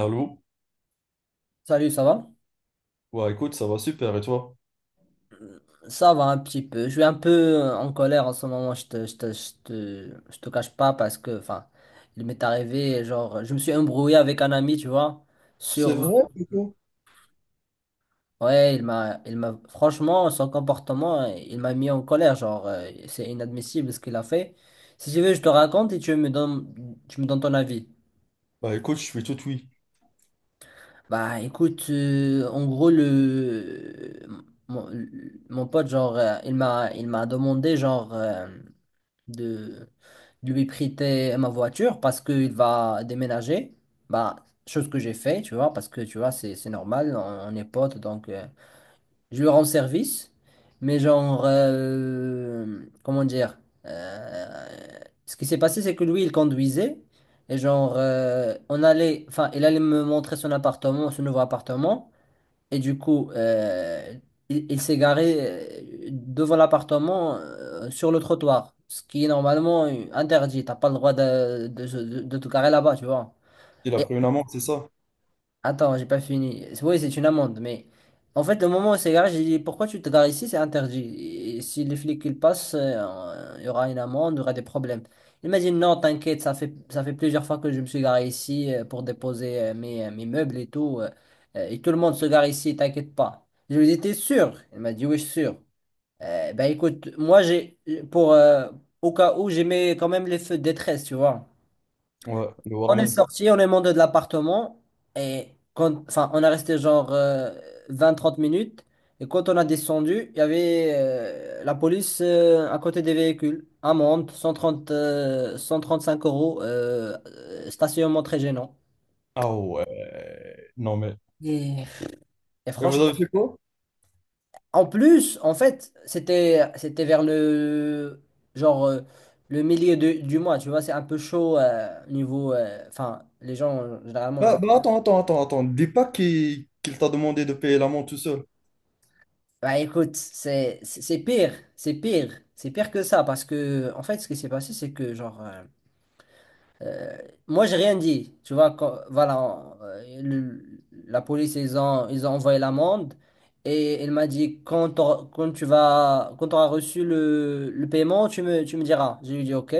Allô? Salut, ça va? Ouais, écoute, ça va super, et toi? Ça va un petit peu. Je suis un peu en colère en ce moment, je te cache pas parce que, enfin, il m'est arrivé, genre, je me suis embrouillé avec un ami, tu vois, C'est sur... vrai, plutôt. Ouais, il m'a, franchement, son comportement, il m'a mis en colère, genre, c'est inadmissible ce qu'il a fait. Si tu veux, je te raconte et tu me donnes ton avis. Bah écoute, je suis tout oui. Bah, écoute, en gros, mon, mon pote, genre, il m'a demandé, de, de lui prêter ma voiture parce qu'il va déménager. Bah, chose que j'ai fait, tu vois, parce que tu vois, c'est normal, on est potes, donc je lui rends service. Mais genre, comment dire, euh, ce qui s'est passé, c'est que lui, il conduisait. Et genre, il allait me montrer son appartement, son nouveau appartement. Et du coup, il s'est garé devant l'appartement sur le trottoir, ce qui est normalement interdit. T'as pas le droit de te garer là-bas, tu vois. Il a pris une amende, c'est ça? Attends, j'ai pas fini. Oui, c'est une amende, mais en fait, le moment où c'est garé, j'ai dit pourquoi tu te gares ici, c'est interdit. Et si les flics ils passent, il y aura une amende, il y aura des problèmes. Il m'a dit non, t'inquiète, ça fait plusieurs fois que je me suis garé ici pour déposer mes meubles et tout. Et tout le monde se gare ici, t'inquiète pas. Je lui ai dit, t'es sûr? Il m'a dit oui, je suis sûr. Ben écoute, moi j'ai pour au cas où j'ai mis quand même les feux de détresse, tu vois. Ouais, le On est warning. sorti, on est monté de l'appartement on est resté genre 20-30 minutes. Et quand on a descendu, il y avait la police à côté des véhicules. Amende, 135 euros, stationnement très gênant. Ah ouais. Non mais. Et- Et Et vous franchement, avez fait quoi? en plus, en fait, c'était vers genre euh, le milieu de- du mois, tu vois, c'est un peu chaud niveau. Enfin, les gens, généralement, Bah, bah, attends, attends, attends, attends. Dis pas qu'il t'a demandé de payer l'amende tout seul. bah écoute, c'est pire, c'est pire que ça parce que en fait ce qui s'est passé c'est que euh, moi j'ai rien dit, tu vois quand- voilà la police ils ont envoyé l'amende et elle m'a dit quand t'auras- quand tu vas quand tu auras reçu le paiement tu me diras. J'ai lui dit OK.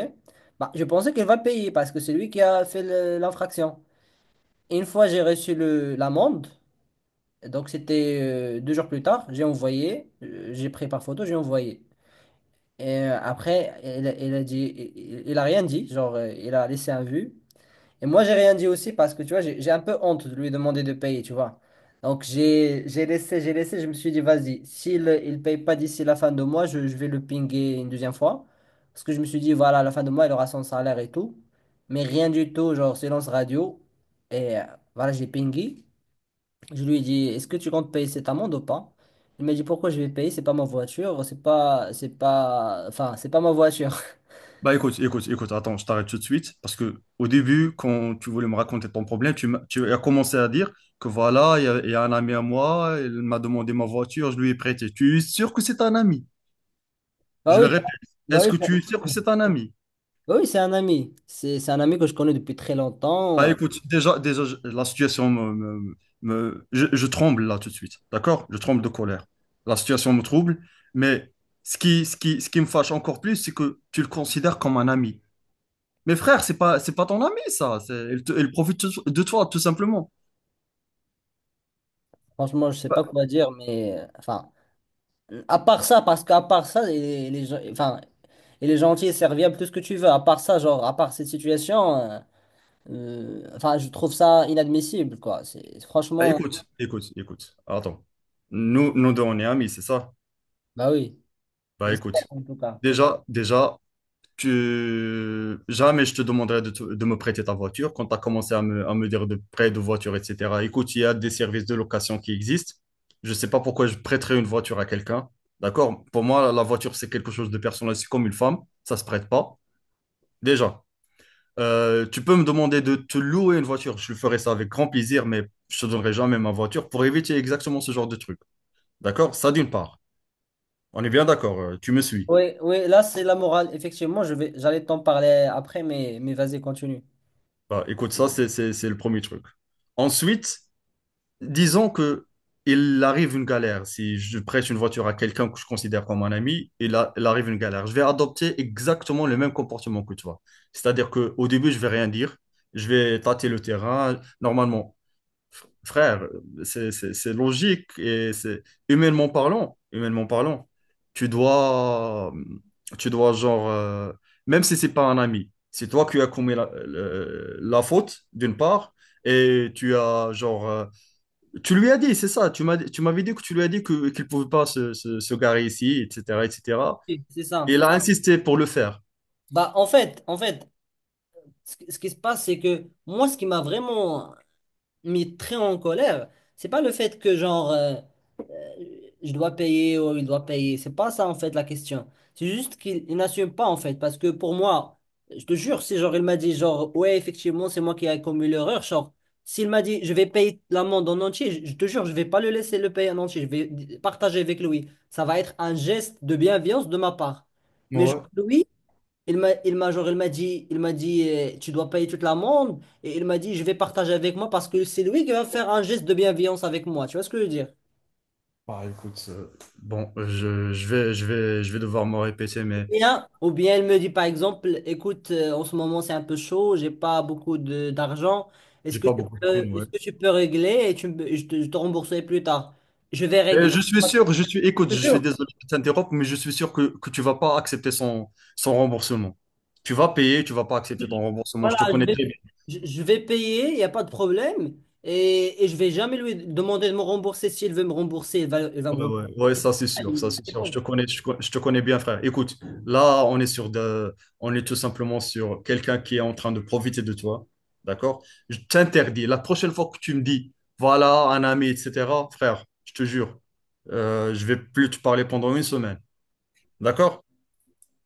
Bah je pensais qu'elle va payer parce que c'est lui qui a fait le- l'infraction. Et une fois j'ai reçu le l'amende donc c'était deux jours plus tard, j'ai envoyé, j'ai pris par photo, j'ai envoyé. Et après, il a dit, il a rien dit, il a laissé un vu. Et moi j'ai rien dit aussi parce que tu vois, j'ai un peu honte de lui demander de payer, tu vois. Donc j'ai laissé, je me suis dit vas-y, s'il il paye pas d'ici la fin de mois, je vais le pinguer une deuxième fois. Parce que je me suis dit voilà, à la fin de mois, il aura son salaire et tout. Mais rien du tout, genre silence radio. Et voilà, j'ai pingué. Je lui ai dit, est-ce que tu comptes payer cette amende ou pas? Il m'a dit, pourquoi je vais payer? C'est pas ma voiture, c'est pas ma voiture. Bah écoute, écoute, écoute, attends, je t'arrête tout de suite parce que au début, quand tu voulais me raconter ton problème, tu as commencé à dire que voilà, il y a un ami à moi, il m'a demandé ma voiture, je lui ai prêté. Tu es sûr que c'est un ami? Bah Je le oui, répète, est-ce que Bah tu es sûr que c'est un ami? oui, c'est un ami. C'est un ami que je connais depuis très Bah longtemps. écoute, déjà, déjà la situation me, me- me- je tremble là tout de suite, d'accord? Je tremble de colère. La situation me trouble, mais ce qui me fâche encore plus, c'est que tu le considères comme un ami. Mais frère, c'est pas ton ami, ça. Il profite de toi, tout simplement. Franchement, je sais Bah, pas quoi dire, mais, à part ça, parce qu'à part ça, il est gentil et serviable, tout ce que tu veux. À part ça, genre, à part cette situation, je trouve ça inadmissible, quoi. Bah, écoute, écoute, écoute. Attends. Nous, nous deux, on est amis, c'est ça? Bah oui, Bah j'espère écoute. en tout cas. Déjà, déjà, que jamais je te demanderai de me prêter ta voiture quand tu as commencé à me dire de prêt de voiture, etc. Écoute, il y a des services de location qui existent. Je ne sais pas pourquoi je prêterais une voiture à quelqu'un. D'accord? Pour moi, la voiture, c'est quelque chose de personnel. C'est comme une femme. Ça ne se prête pas. Déjà, tu peux me demander de te louer une voiture. Je ferai ça avec grand plaisir, mais je ne te donnerai jamais ma voiture pour éviter exactement ce genre de truc. D'accord? Ça, d'une part. On est bien d'accord. Tu me suis. Oui, oui, là c'est la morale. Effectivement, j'allais t'en parler après, mais vas-y, continue. Bah, écoute, ça, c'est le premier truc. Ensuite, disons que il arrive une galère. Si je prête une voiture à quelqu'un que je considère comme un ami, il arrive une galère. Je vais adopter exactement le même comportement que toi. C'est-à-dire que au début, je vais rien dire. Je vais tâter le terrain. Normalement, frère, c'est logique et c'est humainement parlant, tu dois, tu dois genre, même si c'est pas un ami, c'est toi qui as commis la faute d'une part et tu as genre tu lui as dit, c'est ça. Tu m'avais dit que tu lui as dit que qu'il pouvait pas se garer ici, etc., etc. Oui, c'est Et cetera. Et ça. il a insisté pour le faire. Bah, en fait, ce qui se passe, c'est que moi, ce qui m'a vraiment mis très en colère, c'est pas le fait que je dois payer ou il doit payer. C'est pas ça en fait la question. C'est juste qu'il il n'assume pas en fait. Parce que pour moi, je te jure, si genre il m'a dit genre ouais, effectivement, c'est moi qui ai commis l'erreur, genre s'il m'a dit je vais payer l'amende en entier, je te jure, je vais pas le laisser le payer en entier. Je vais d- partager avec lui. Ça va être un geste de bienveillance de ma part. Mais genre, Ouais. lui, il m'a genre il m'a dit tu dois payer toute l'amende et il m'a dit je vais partager avec moi parce que c'est lui qui va faire un geste de bienveillance avec moi. Tu vois ce que je veux dire? Bah écoute, bon, je vais devoir me répéter, mais Bien, ou bien elle me dit par exemple, écoute, en ce moment c'est un peu chaud, j'ai pas beaucoup de d'argent, j'ai pas beaucoup de thunes, ouais. est-ce que tu peux régler et tu me- je te rembourserai plus tard. Je vais Et régler. je suis sûr, je suis, écoute, Je je te suis jure. désolé de t'interrompre, mais je suis sûr que tu vas pas accepter son, son remboursement. Tu vas payer, tu vas pas accepter ton remboursement. Voilà, Je te connais très. Je vais payer, il n'y a pas de problème, et je vais jamais lui demander de me rembourser. S'il veut me rembourser, il va me Ouais, rembourser. ouais, ouais, ça c'est sûr, ça c'est C'est sûr. Je te bon. connais, je te connais bien, frère. Écoute, là, on est tout simplement sur quelqu'un qui est en train de profiter de toi, d'accord? Je t'interdis. La prochaine fois que tu me dis, voilà, un ami, etc., frère, je te jure, je vais plus te parler pendant une semaine, d'accord?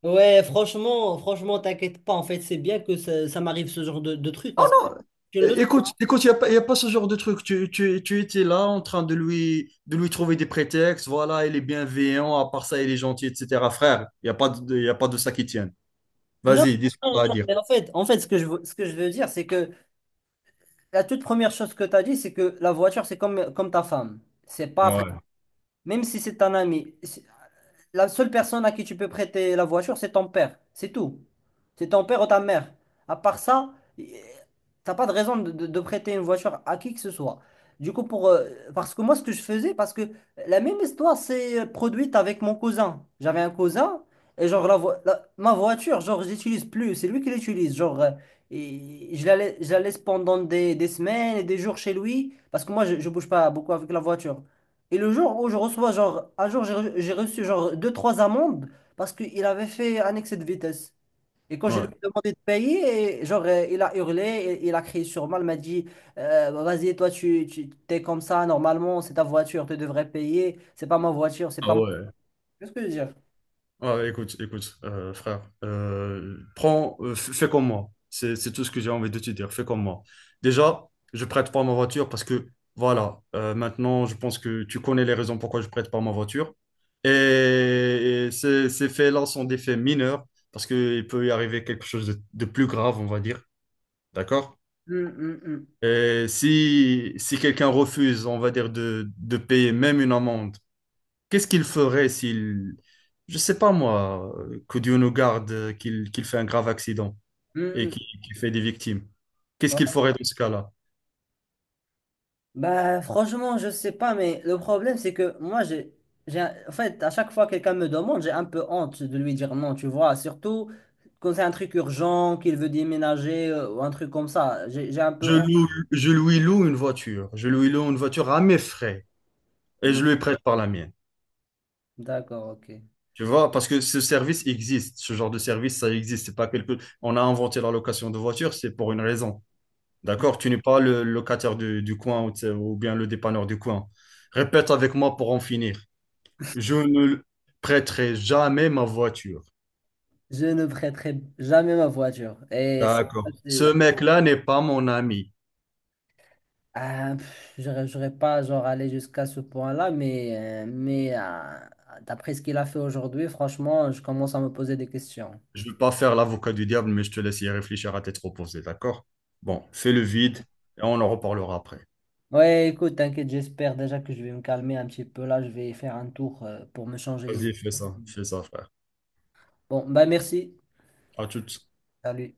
Ouais, franchement, franchement, t'inquiète pas. En fait, c'est bien que ça m'arrive ce genre de truc Oh parce que non, je le... écoute, écoute, il n'y a pas, y a pas ce genre de truc. Tu étais là en train de lui trouver des prétextes. Voilà, il est bienveillant, à part ça, il est gentil, etc. Frère, il n'y a pas de, y a pas de ça qui tient. Non, Vas-y, dis ce que t'as à non, dire. mais en fait, ce que je veux dire, c'est que la toute première chose que tu as dit, c'est que la voiture, c'est comme ta femme. C'est pas après. Ouais. Même si c'est un ami la seule personne à qui tu peux prêter la voiture, c'est ton père. C'est tout. C'est ton père ou ta mère. À part ça, t'as pas de raison de prêter une voiture à qui que ce soit. Du coup, pour, parce que moi, ce que je faisais, parce que la même histoire s'est produite avec mon cousin. J'avais un cousin, et genre, ma voiture, genre, je l'utilise plus. C'est lui qui l'utilise. Genre, et je la laisse pendant des semaines et des jours chez lui, parce que moi, je bouge pas beaucoup avec la voiture. Et le jour où je reçois, genre, un jour, j'ai reçu, genre, deux, trois amendes parce qu'il avait fait un excès de vitesse. Et quand je lui Ouais. ai demandé de payer, et, genre, il a hurlé, il a crié sur moi, il m'a dit, bah, vas-y, toi, tu t'es comme ça, normalement, c'est ta voiture, tu devrais payer, c'est Ah pas moi. ouais. Qu'est-ce que je veux dire? Ouais, écoute, écoute, frère. Prends, fais comme moi. C'est tout ce que j'ai envie de te dire. Fais comme moi. Déjà, je prête pas ma voiture parce que voilà, maintenant, je pense que tu connais les raisons pourquoi je prête pas ma voiture. Et ces, ces faits-là sont des faits mineurs parce qu'il peut y arriver quelque chose de plus grave, on va dire. D'accord? Hum, hum, hum. Et si, si quelqu'un refuse, on va dire, de payer même une amende, qu'est-ce qu'il ferait s'il, je sais pas moi, que Dieu nous garde, qu'il fait un grave accident et Hum, qu'il fait des victimes? Qu'est-ce hum. qu'il ferait dans ce cas-là? Bah, franchement, je sais pas, mais le problème, c'est que moi, j'ai, en fait, à chaque fois que quelqu'un me demande, j'ai un peu honte de lui dire non, tu vois, surtout quand c'est un truc urgent, qu'il veut déménager ou un truc comme ça, j'ai un peu honte. Je lui loue une voiture. Je lui loue une voiture à mes frais et Hmm. je lui prête par la mienne. D'accord, ok. Tu vois, parce que ce service existe, ce genre de service, ça existe. C'est pas quelque... On a inventé la location de voiture, c'est pour une raison. D'accord? Tu n'es pas le locataire du coin ou, tu sais, ou bien le dépanneur du coin. Répète avec moi pour en finir. Je ne prêterai jamais ma voiture. Je ne prêterai jamais ma voiture. D'accord. Ce c'est- mec-là n'est pas mon ami. ah, pff, j'aurais pas genre allé jusqu'à ce point-là, mais, d'après ce qu'il a fait aujourd'hui, franchement, je commence à me poser des questions. Je ne veux pas faire l'avocat du diable, mais je te laisse y réfléchir à tête reposée, d'accord? Bon, fais le vide et on en reparlera après. Ouais, écoute, t'inquiète, j'espère déjà que je vais me calmer un petit peu là. Je vais faire un tour pour me changer les idées. Vas-y, fais ça, frère. Bon, bah merci. À toutes. Salut.